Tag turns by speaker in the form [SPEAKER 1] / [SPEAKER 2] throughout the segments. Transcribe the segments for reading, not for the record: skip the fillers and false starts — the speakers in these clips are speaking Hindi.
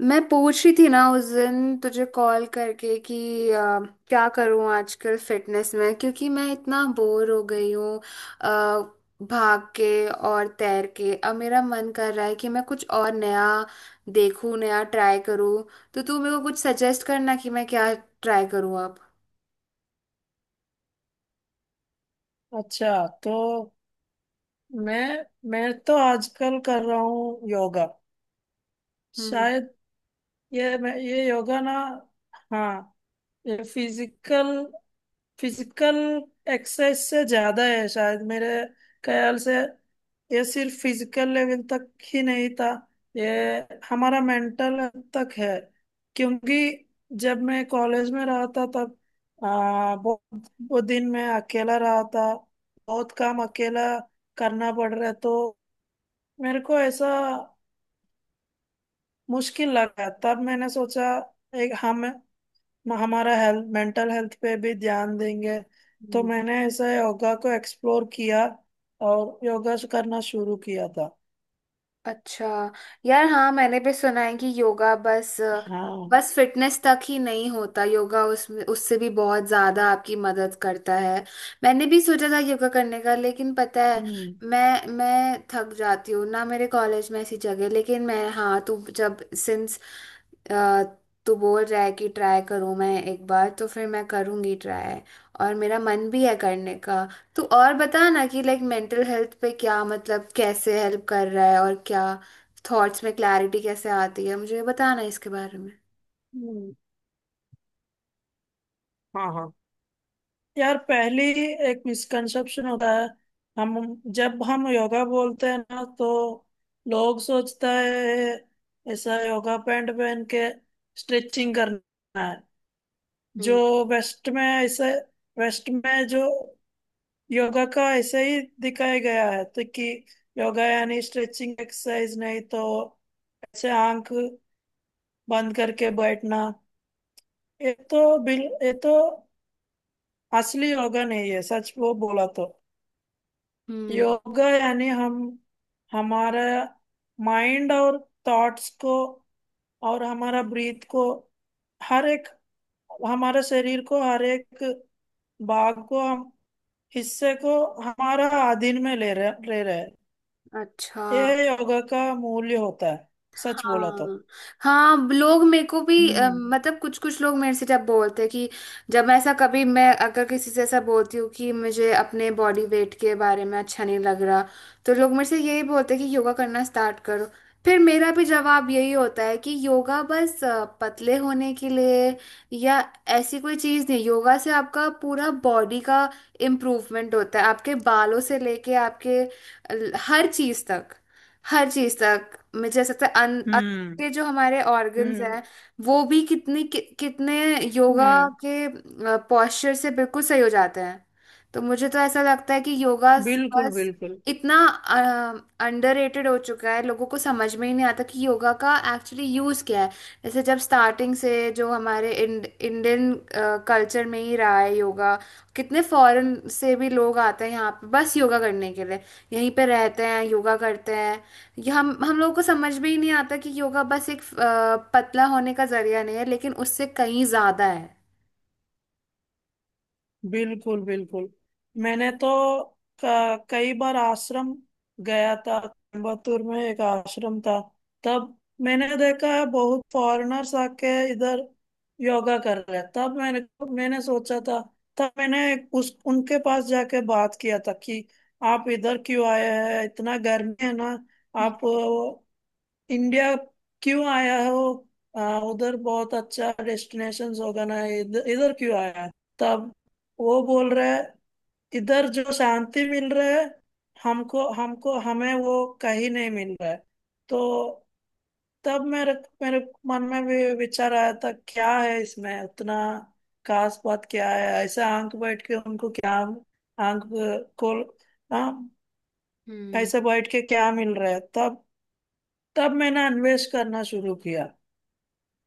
[SPEAKER 1] मैं पूछ रही थी ना उस दिन तुझे कॉल करके कि अ, क्या करूं आजकल फिटनेस में, क्योंकि मैं इतना बोर हो गई हूँ। अ, भाग के और तैर के अब मेरा मन कर रहा है कि मैं कुछ और नया देखूं, नया ट्राई करूं। तो तू मेरे को कुछ सजेस्ट करना कि मैं क्या ट्राई करूं अब।
[SPEAKER 2] अच्छा तो मैं मैं तो आजकल कर रहा हूँ योगा।
[SPEAKER 1] हम्म।
[SPEAKER 2] शायद ये योगा ना। हाँ। ये फिजिकल फिजिकल एक्सरसाइज से ज्यादा है, शायद मेरे ख्याल से। ये सिर्फ फिजिकल लेवल तक ही नहीं था, ये हमारा मेंटल तक है। क्योंकि जब मैं कॉलेज में रहा था तब बहुत वो दिन मैं अकेला रहा था। बहुत काम अकेला करना पड़ रहा है, तो मेरे को ऐसा मुश्किल लगा। तब मैंने सोचा एक हम हमारा हेल्थ, मेंटल हेल्थ पे भी ध्यान देंगे। तो मैंने ऐसा योगा को एक्सप्लोर किया और योगा करना शुरू किया था।
[SPEAKER 1] अच्छा। यार हाँ, मैंने भी सुना है कि योगा बस
[SPEAKER 2] हाँ।
[SPEAKER 1] बस फिटनेस तक ही नहीं होता, योगा उसमें उससे भी बहुत ज्यादा आपकी मदद करता है। मैंने भी सोचा था योगा करने का, लेकिन पता है
[SPEAKER 2] हम्म।
[SPEAKER 1] मैं थक जाती हूँ ना मेरे कॉलेज में ऐसी जगह। लेकिन मैं, हाँ, तू जब सिंस तू बोल रहा है कि ट्राई करूँ मैं एक बार, तो फिर मैं करूँगी ट्राई, और मेरा मन भी है करने का। तो और बता ना कि लाइक मेंटल हेल्थ पे क्या मतलब कैसे हेल्प कर रहा है, और क्या थॉट्स में क्लैरिटी कैसे आती है, मुझे बताना इसके बारे में।
[SPEAKER 2] हम्म। हाँ, हाँ। यार, पहली एक मिसकंसेप्शन होता है। हम जब हम योगा बोलते हैं ना, तो लोग सोचता है ऐसा योगा पैंट पहन के स्ट्रेचिंग करना है।
[SPEAKER 1] हम्म।
[SPEAKER 2] जो वेस्ट में ऐसे वेस्ट में जो योगा का ऐसे ही दिखाया गया है, तो कि योगा यानी स्ट्रेचिंग एक्सरसाइज। नहीं तो ऐसे आंख बंद करके बैठना, ये तो असली योगा नहीं है, सच वो बोला तो।
[SPEAKER 1] हम्म।
[SPEAKER 2] योगा यानी हम हमारा माइंड और थॉट्स को, और हमारा ब्रीथ को, हर एक हमारे शरीर को, हर एक भाग को, हम हिस्से को हमारा अधीन में ले रहे हैं।
[SPEAKER 1] अच्छा।
[SPEAKER 2] ये योगा का मूल्य होता है, सच बोला तो।
[SPEAKER 1] हाँ हाँ, लोग मेरे को भी
[SPEAKER 2] हम्म।
[SPEAKER 1] मतलब कुछ कुछ लोग मेरे से जब बोलते हैं कि, जब ऐसा कभी मैं अगर किसी से ऐसा बोलती हूँ कि मुझे अपने बॉडी वेट के बारे में अच्छा नहीं लग रहा, तो लोग मेरे से यही बोलते हैं कि योगा करना स्टार्ट करो। फिर मेरा भी जवाब यही होता है कि योगा बस पतले होने के लिए या ऐसी कोई चीज़ नहीं, योगा से आपका पूरा बॉडी का इम्प्रूवमेंट होता है, आपके बालों से लेके आपके हर चीज़ तक, हर चीज तक मुझे ऐसा लगता है। अन, अन,
[SPEAKER 2] हम्म।
[SPEAKER 1] के जो हमारे ऑर्गन्स
[SPEAKER 2] हम्म।
[SPEAKER 1] हैं वो भी कितनी कितने योगा
[SPEAKER 2] हम्म।
[SPEAKER 1] के पोस्चर से बिल्कुल सही हो जाते हैं। तो मुझे तो ऐसा लगता है कि योगा
[SPEAKER 2] बिल्कुल
[SPEAKER 1] बस
[SPEAKER 2] बिल्कुल।
[SPEAKER 1] इतना अंडररेटेड हो चुका है, लोगों को समझ में ही नहीं आता कि योगा का एक्चुअली यूज़ क्या है। जैसे जब स्टार्टिंग से जो हमारे इंडियन कल्चर में ही रहा है योगा, कितने फॉरेन से भी लोग आते हैं यहाँ पे बस योगा करने के लिए, यहीं पे रहते हैं, योगा करते हैं। ये हम लोगों को समझ में ही नहीं आता कि योगा बस एक पतला होने का जरिया नहीं है, लेकिन उससे कहीं ज्यादा है।
[SPEAKER 2] बिल्कुल बिल्कुल। मैंने तो कई बार आश्रम गया था, कोयम्बतूर में एक आश्रम था। तब मैंने देखा है बहुत फॉरेनर्स आके इधर योगा कर रहे हैं। तब मैंने मैंने सोचा था, तब मैंने उस उनके पास जाके बात किया था कि आप इधर क्यों आए हैं? इतना गर्मी है ना। आप इंडिया क्यों आया हो? उधर बहुत अच्छा डेस्टिनेशंस होगा ना, इधर इधर क्यों आया? तब वो बोल रहे हैं, इधर जो शांति मिल रहा है, हमको हमको हमें वो कहीं नहीं मिल रहा है। तो तब मेरे मेरे मन में भी विचार आया था, क्या है इसमें? उतना खास बात क्या है? ऐसे आंख बैठ के उनको क्या? आंख को। हाँ।
[SPEAKER 1] हम्म।
[SPEAKER 2] ऐसे बैठ के क्या मिल रहा है? तब तब मैंने अन्वेष करना शुरू किया।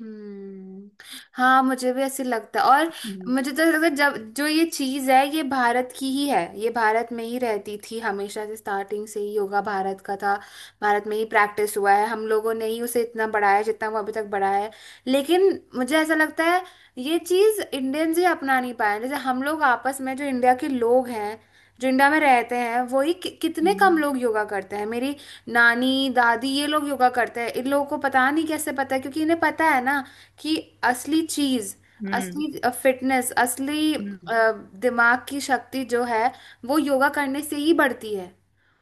[SPEAKER 1] हम्म। हाँ, मुझे भी ऐसे लगता है। और
[SPEAKER 2] हम्म।
[SPEAKER 1] मुझे तो ऐसा लगता है, जब जो ये चीज है ये भारत की ही है, ये भारत में ही रहती थी हमेशा से, स्टार्टिंग से ही योगा भारत का था, भारत में ही प्रैक्टिस हुआ है, हम लोगों ने ही उसे इतना बढ़ाया जितना वो अभी तक बढ़ाया है। लेकिन मुझे ऐसा लगता है ये चीज इंडियंस ही अपना नहीं पाए। जैसे हम लोग आपस में जो इंडिया के लोग हैं, जो इंडिया में रहते हैं वही कितने कम
[SPEAKER 2] हम्म।
[SPEAKER 1] लोग योगा करते हैं। मेरी नानी दादी ये लोग योगा करते हैं, इन लोगों को पता नहीं कैसे पता है, क्योंकि इन्हें पता है ना कि असली चीज,
[SPEAKER 2] हम्म।
[SPEAKER 1] असली फिटनेस, असली
[SPEAKER 2] हम्म।
[SPEAKER 1] दिमाग की शक्ति जो है वो योगा करने से ही बढ़ती है।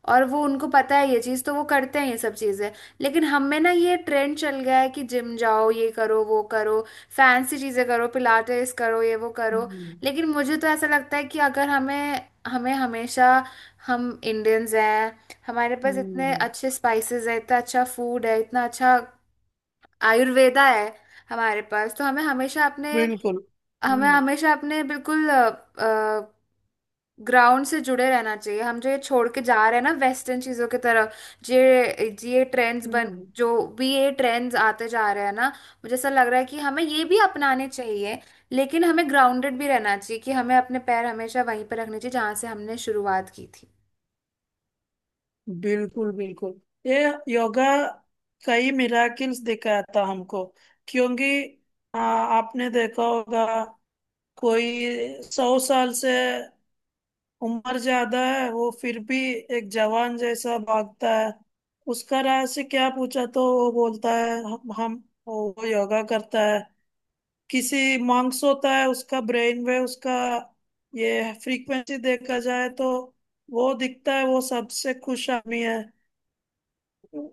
[SPEAKER 1] और वो उनको पता है ये चीज़, तो वो करते हैं ये सब चीज़ें। लेकिन हम में ना ये ट्रेंड चल गया है कि जिम जाओ, ये करो वो करो, फैंसी चीज़ें करो, पिलाटेस करो, ये वो करो।
[SPEAKER 2] हम्म।
[SPEAKER 1] लेकिन मुझे तो ऐसा लगता है कि अगर हमें हमें हमेशा, हम इंडियंस हैं, हमारे पास इतने
[SPEAKER 2] हम्म।
[SPEAKER 1] अच्छे स्पाइसेस है, इतना अच्छा फूड है, इतना अच्छा आयुर्वेदा है हमारे पास, तो
[SPEAKER 2] बिल्कुल।
[SPEAKER 1] हमें
[SPEAKER 2] हम्म।
[SPEAKER 1] हमेशा अपने बिल्कुल ग्राउंड से जुड़े रहना चाहिए। हम जो ये छोड़ के जा रहे हैं ना वेस्टर्न चीज़ों की तरफ, जे ये ट्रेंड्स बन
[SPEAKER 2] हम्म।
[SPEAKER 1] जो भी ये ट्रेंड्स आते जा रहे हैं ना, मुझे ऐसा लग रहा है कि हमें ये भी अपनाने चाहिए, लेकिन हमें ग्राउंडेड भी रहना चाहिए कि हमें अपने पैर हमेशा वहीं पर रखने चाहिए जहाँ से हमने शुरुआत की थी।
[SPEAKER 2] बिल्कुल बिल्कुल। ये योगा कई मिराकिल्स दिखाता हमको। क्योंकि आपने देखा होगा, कोई 100 साल से उम्र ज्यादा है, वो फिर भी एक जवान जैसा भागता है। उसका राज से क्या पूछा, तो वो बोलता है हम वो योगा करता है। किसी मॉन्क्स होता है, उसका ब्रेन वेव, उसका ये फ्रीक्वेंसी देखा जाए तो वो दिखता है वो सबसे खुश आदमी है।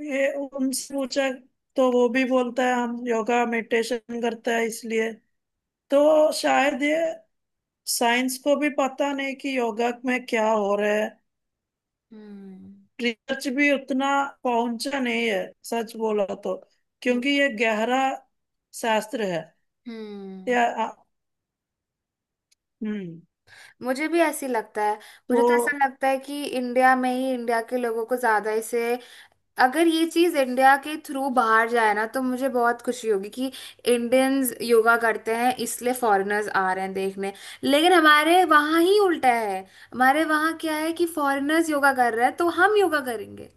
[SPEAKER 2] ये उनसे पूछा तो वो भी बोलता है हम योगा मेडिटेशन करता है, इसलिए। तो शायद ये, साइंस को भी पता नहीं कि योगा में क्या हो रहा है।
[SPEAKER 1] हम्म।
[SPEAKER 2] रिसर्च भी उतना पहुंचा नहीं है, सच बोला तो,
[SPEAKER 1] हम्म।
[SPEAKER 2] क्योंकि ये गहरा शास्त्र है।
[SPEAKER 1] हम्म।
[SPEAKER 2] या। हम्म।
[SPEAKER 1] मुझे भी ऐसी लगता है।
[SPEAKER 2] तो।
[SPEAKER 1] मुझे तो ऐसा लगता है कि इंडिया में ही इंडिया के लोगों को ज्यादा इसे, अगर ये चीज इंडिया के थ्रू बाहर जाए ना तो मुझे बहुत खुशी होगी कि इंडियंस योगा करते हैं इसलिए फॉरेनर्स आ रहे हैं देखने। लेकिन हमारे वहाँ ही उल्टा है, हमारे वहाँ क्या है कि फॉरेनर्स योगा कर रहे हैं तो हम योगा करेंगे।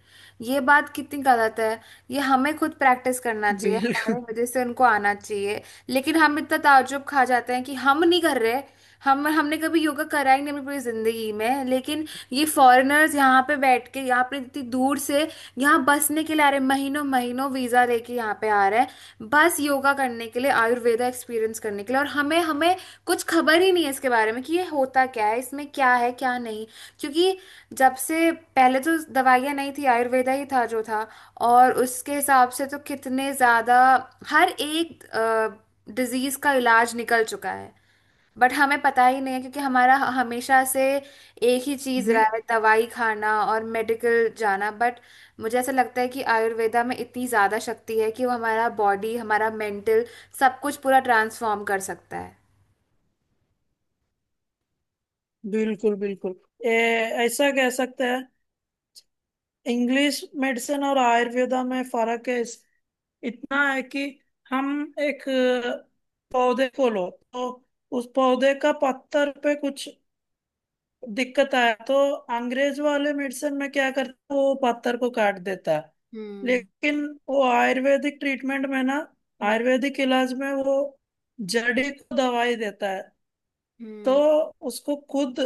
[SPEAKER 1] ये बात कितनी गलत है। ये हमें खुद प्रैक्टिस करना चाहिए, हमारे
[SPEAKER 2] बिल्कुल
[SPEAKER 1] वजह से उनको आना चाहिए। लेकिन हम इतना ताज्जुब खा जाते हैं कि हम नहीं कर रहे, हम हमने कभी योगा करा ही नहीं अपनी पूरी जिंदगी में, लेकिन ये फॉरेनर्स यहाँ पे बैठ के, यहाँ पे इतनी दूर से यहाँ बसने के लिए आ रहे हैं, महीनों महीनों वीजा लेके यहाँ पे आ रहे हैं बस योगा करने के लिए, आयुर्वेदा एक्सपीरियंस करने के लिए, और हमें हमें कुछ खबर ही नहीं है इसके बारे में कि ये होता क्या है, इसमें क्या है क्या नहीं। क्योंकि जब से पहले तो दवाइयाँ नहीं थी, आयुर्वेदा ही था जो था, और उसके हिसाब से तो कितने ज़्यादा हर एक डिजीज का इलाज निकल चुका है। बट हमें पता ही नहीं है, क्योंकि हमारा हमेशा से एक ही चीज रहा है, दवाई खाना और मेडिकल जाना। बट मुझे ऐसा लगता है कि आयुर्वेदा में इतनी ज्यादा शक्ति है कि वो हमारा बॉडी, हमारा मेंटल, सब कुछ पूरा ट्रांसफॉर्म कर सकता है।
[SPEAKER 2] बिल्कुल। बिल्कुल। ए, ऐसा कह सकते हैं, इंग्लिश मेडिसिन और आयुर्वेदा में फर्क है, इतना है कि हम एक पौधे को लो तो उस पौधे का पत्तर पे कुछ दिक्कत आया तो अंग्रेज वाले मेडिसिन में क्या करता है, वो पत्तर को काट देता है।
[SPEAKER 1] हम्म।
[SPEAKER 2] लेकिन वो आयुर्वेदिक ट्रीटमेंट में ना,
[SPEAKER 1] हम्म।
[SPEAKER 2] आयुर्वेदिक इलाज में वो जड़ी को दवाई देता है। तो
[SPEAKER 1] हम्म।
[SPEAKER 2] उसको खुद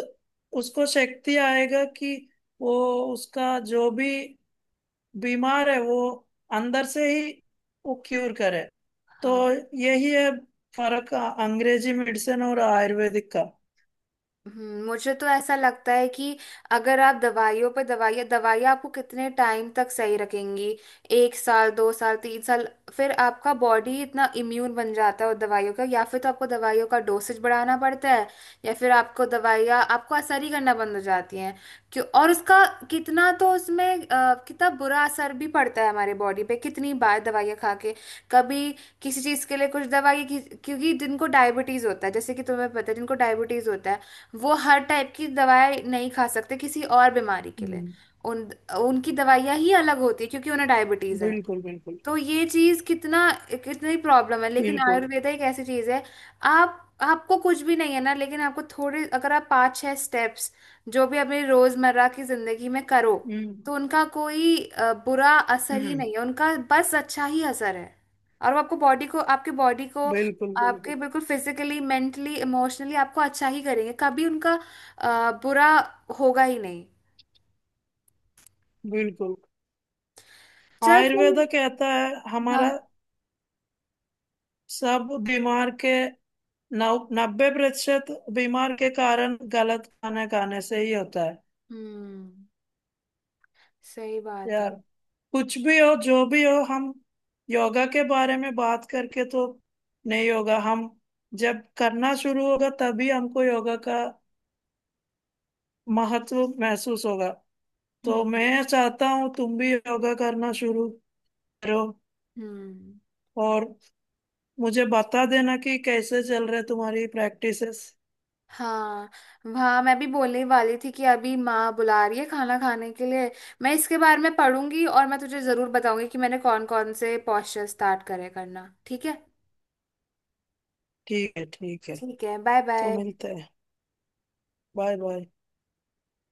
[SPEAKER 2] उसको शक्ति आएगा कि वो, उसका जो भी बीमार है वो अंदर से ही वो क्यूर करे। तो
[SPEAKER 1] हाँ।
[SPEAKER 2] यही है फर्क, अंग्रेजी मेडिसिन और आयुर्वेदिक का।
[SPEAKER 1] मुझे तो ऐसा लगता है कि अगर आप दवाइयों पर दवाइयाँ, आपको कितने टाइम तक सही रखेंगी? एक साल, दो साल, तीन साल, फिर आपका बॉडी इतना इम्यून बन जाता है उन दवाइयों का, या फिर तो आपको दवाइयों का डोसेज बढ़ाना पड़ता है, या फिर आपको दवाइयाँ आपको असर ही करना बंद हो जाती हैं। क्यों? और उसका कितना, तो उसमें कितना बुरा असर भी पड़ता है हमारे बॉडी पे कितनी बार दवाइयाँ खा के, कभी किसी चीज़ के लिए कुछ दवाई क्योंकि जिनको डायबिटीज़ होता है, जैसे कि तुम्हें पता है जिनको डायबिटीज़ होता है वो हर टाइप की दवाएं नहीं खा सकते किसी और बीमारी के लिए।
[SPEAKER 2] हम्म।
[SPEAKER 1] उन उनकी दवाइयाँ ही अलग होती है क्योंकि उन्हें डायबिटीज है।
[SPEAKER 2] बिल्कुल बिल्कुल
[SPEAKER 1] तो ये चीज कितना, कितनी प्रॉब्लम है। लेकिन
[SPEAKER 2] बिल्कुल।
[SPEAKER 1] आयुर्वेदा एक ऐसी चीज है, आप आपको कुछ भी नहीं है ना, लेकिन आपको थोड़े अगर आप पाँच छह स्टेप्स जो भी अपनी रोजमर्रा की जिंदगी में करो,
[SPEAKER 2] हम्म।
[SPEAKER 1] तो उनका कोई बुरा असर ही
[SPEAKER 2] हम्म।
[SPEAKER 1] नहीं है, उनका बस अच्छा ही असर है। और वो आपको बॉडी को,
[SPEAKER 2] बिल्कुल
[SPEAKER 1] आपके
[SPEAKER 2] बिल्कुल
[SPEAKER 1] बिल्कुल फिजिकली, मेंटली, इमोशनली आपको अच्छा ही करेंगे, कभी उनका बुरा होगा ही नहीं।
[SPEAKER 2] बिल्कुल।
[SPEAKER 1] चल
[SPEAKER 2] आयुर्वेद
[SPEAKER 1] फिर-
[SPEAKER 2] कहता है,
[SPEAKER 1] हाँ।
[SPEAKER 2] हमारा सब बीमार के नौ 90% बीमार के कारण गलत खाना खाने से ही होता है।
[SPEAKER 1] हम्म, सही बात
[SPEAKER 2] यार,
[SPEAKER 1] है।
[SPEAKER 2] कुछ भी हो, जो भी हो, हम योगा के बारे में बात करके तो नहीं होगा। हम जब करना शुरू होगा तभी हमको योगा का महत्व महसूस होगा। तो
[SPEAKER 1] हम्म।
[SPEAKER 2] मैं चाहता हूँ तुम भी योगा करना शुरू करो।
[SPEAKER 1] हम्म।
[SPEAKER 2] और मुझे बता देना कि कैसे चल रहे तुम्हारी प्रैक्टिसेस।
[SPEAKER 1] हाँ, वहाँ मैं भी बोलने ही वाली थी कि अभी माँ बुला रही है खाना खाने के लिए। मैं इसके बारे में पढ़ूंगी और मैं तुझे ज़रूर बताऊंगी कि मैंने कौन कौन से पॉस्चर स्टार्ट करे करना। ठीक है।
[SPEAKER 2] ठीक है, ठीक है।
[SPEAKER 1] ठीक है, बाय
[SPEAKER 2] तो
[SPEAKER 1] बाय।
[SPEAKER 2] मिलते हैं। Bye bye.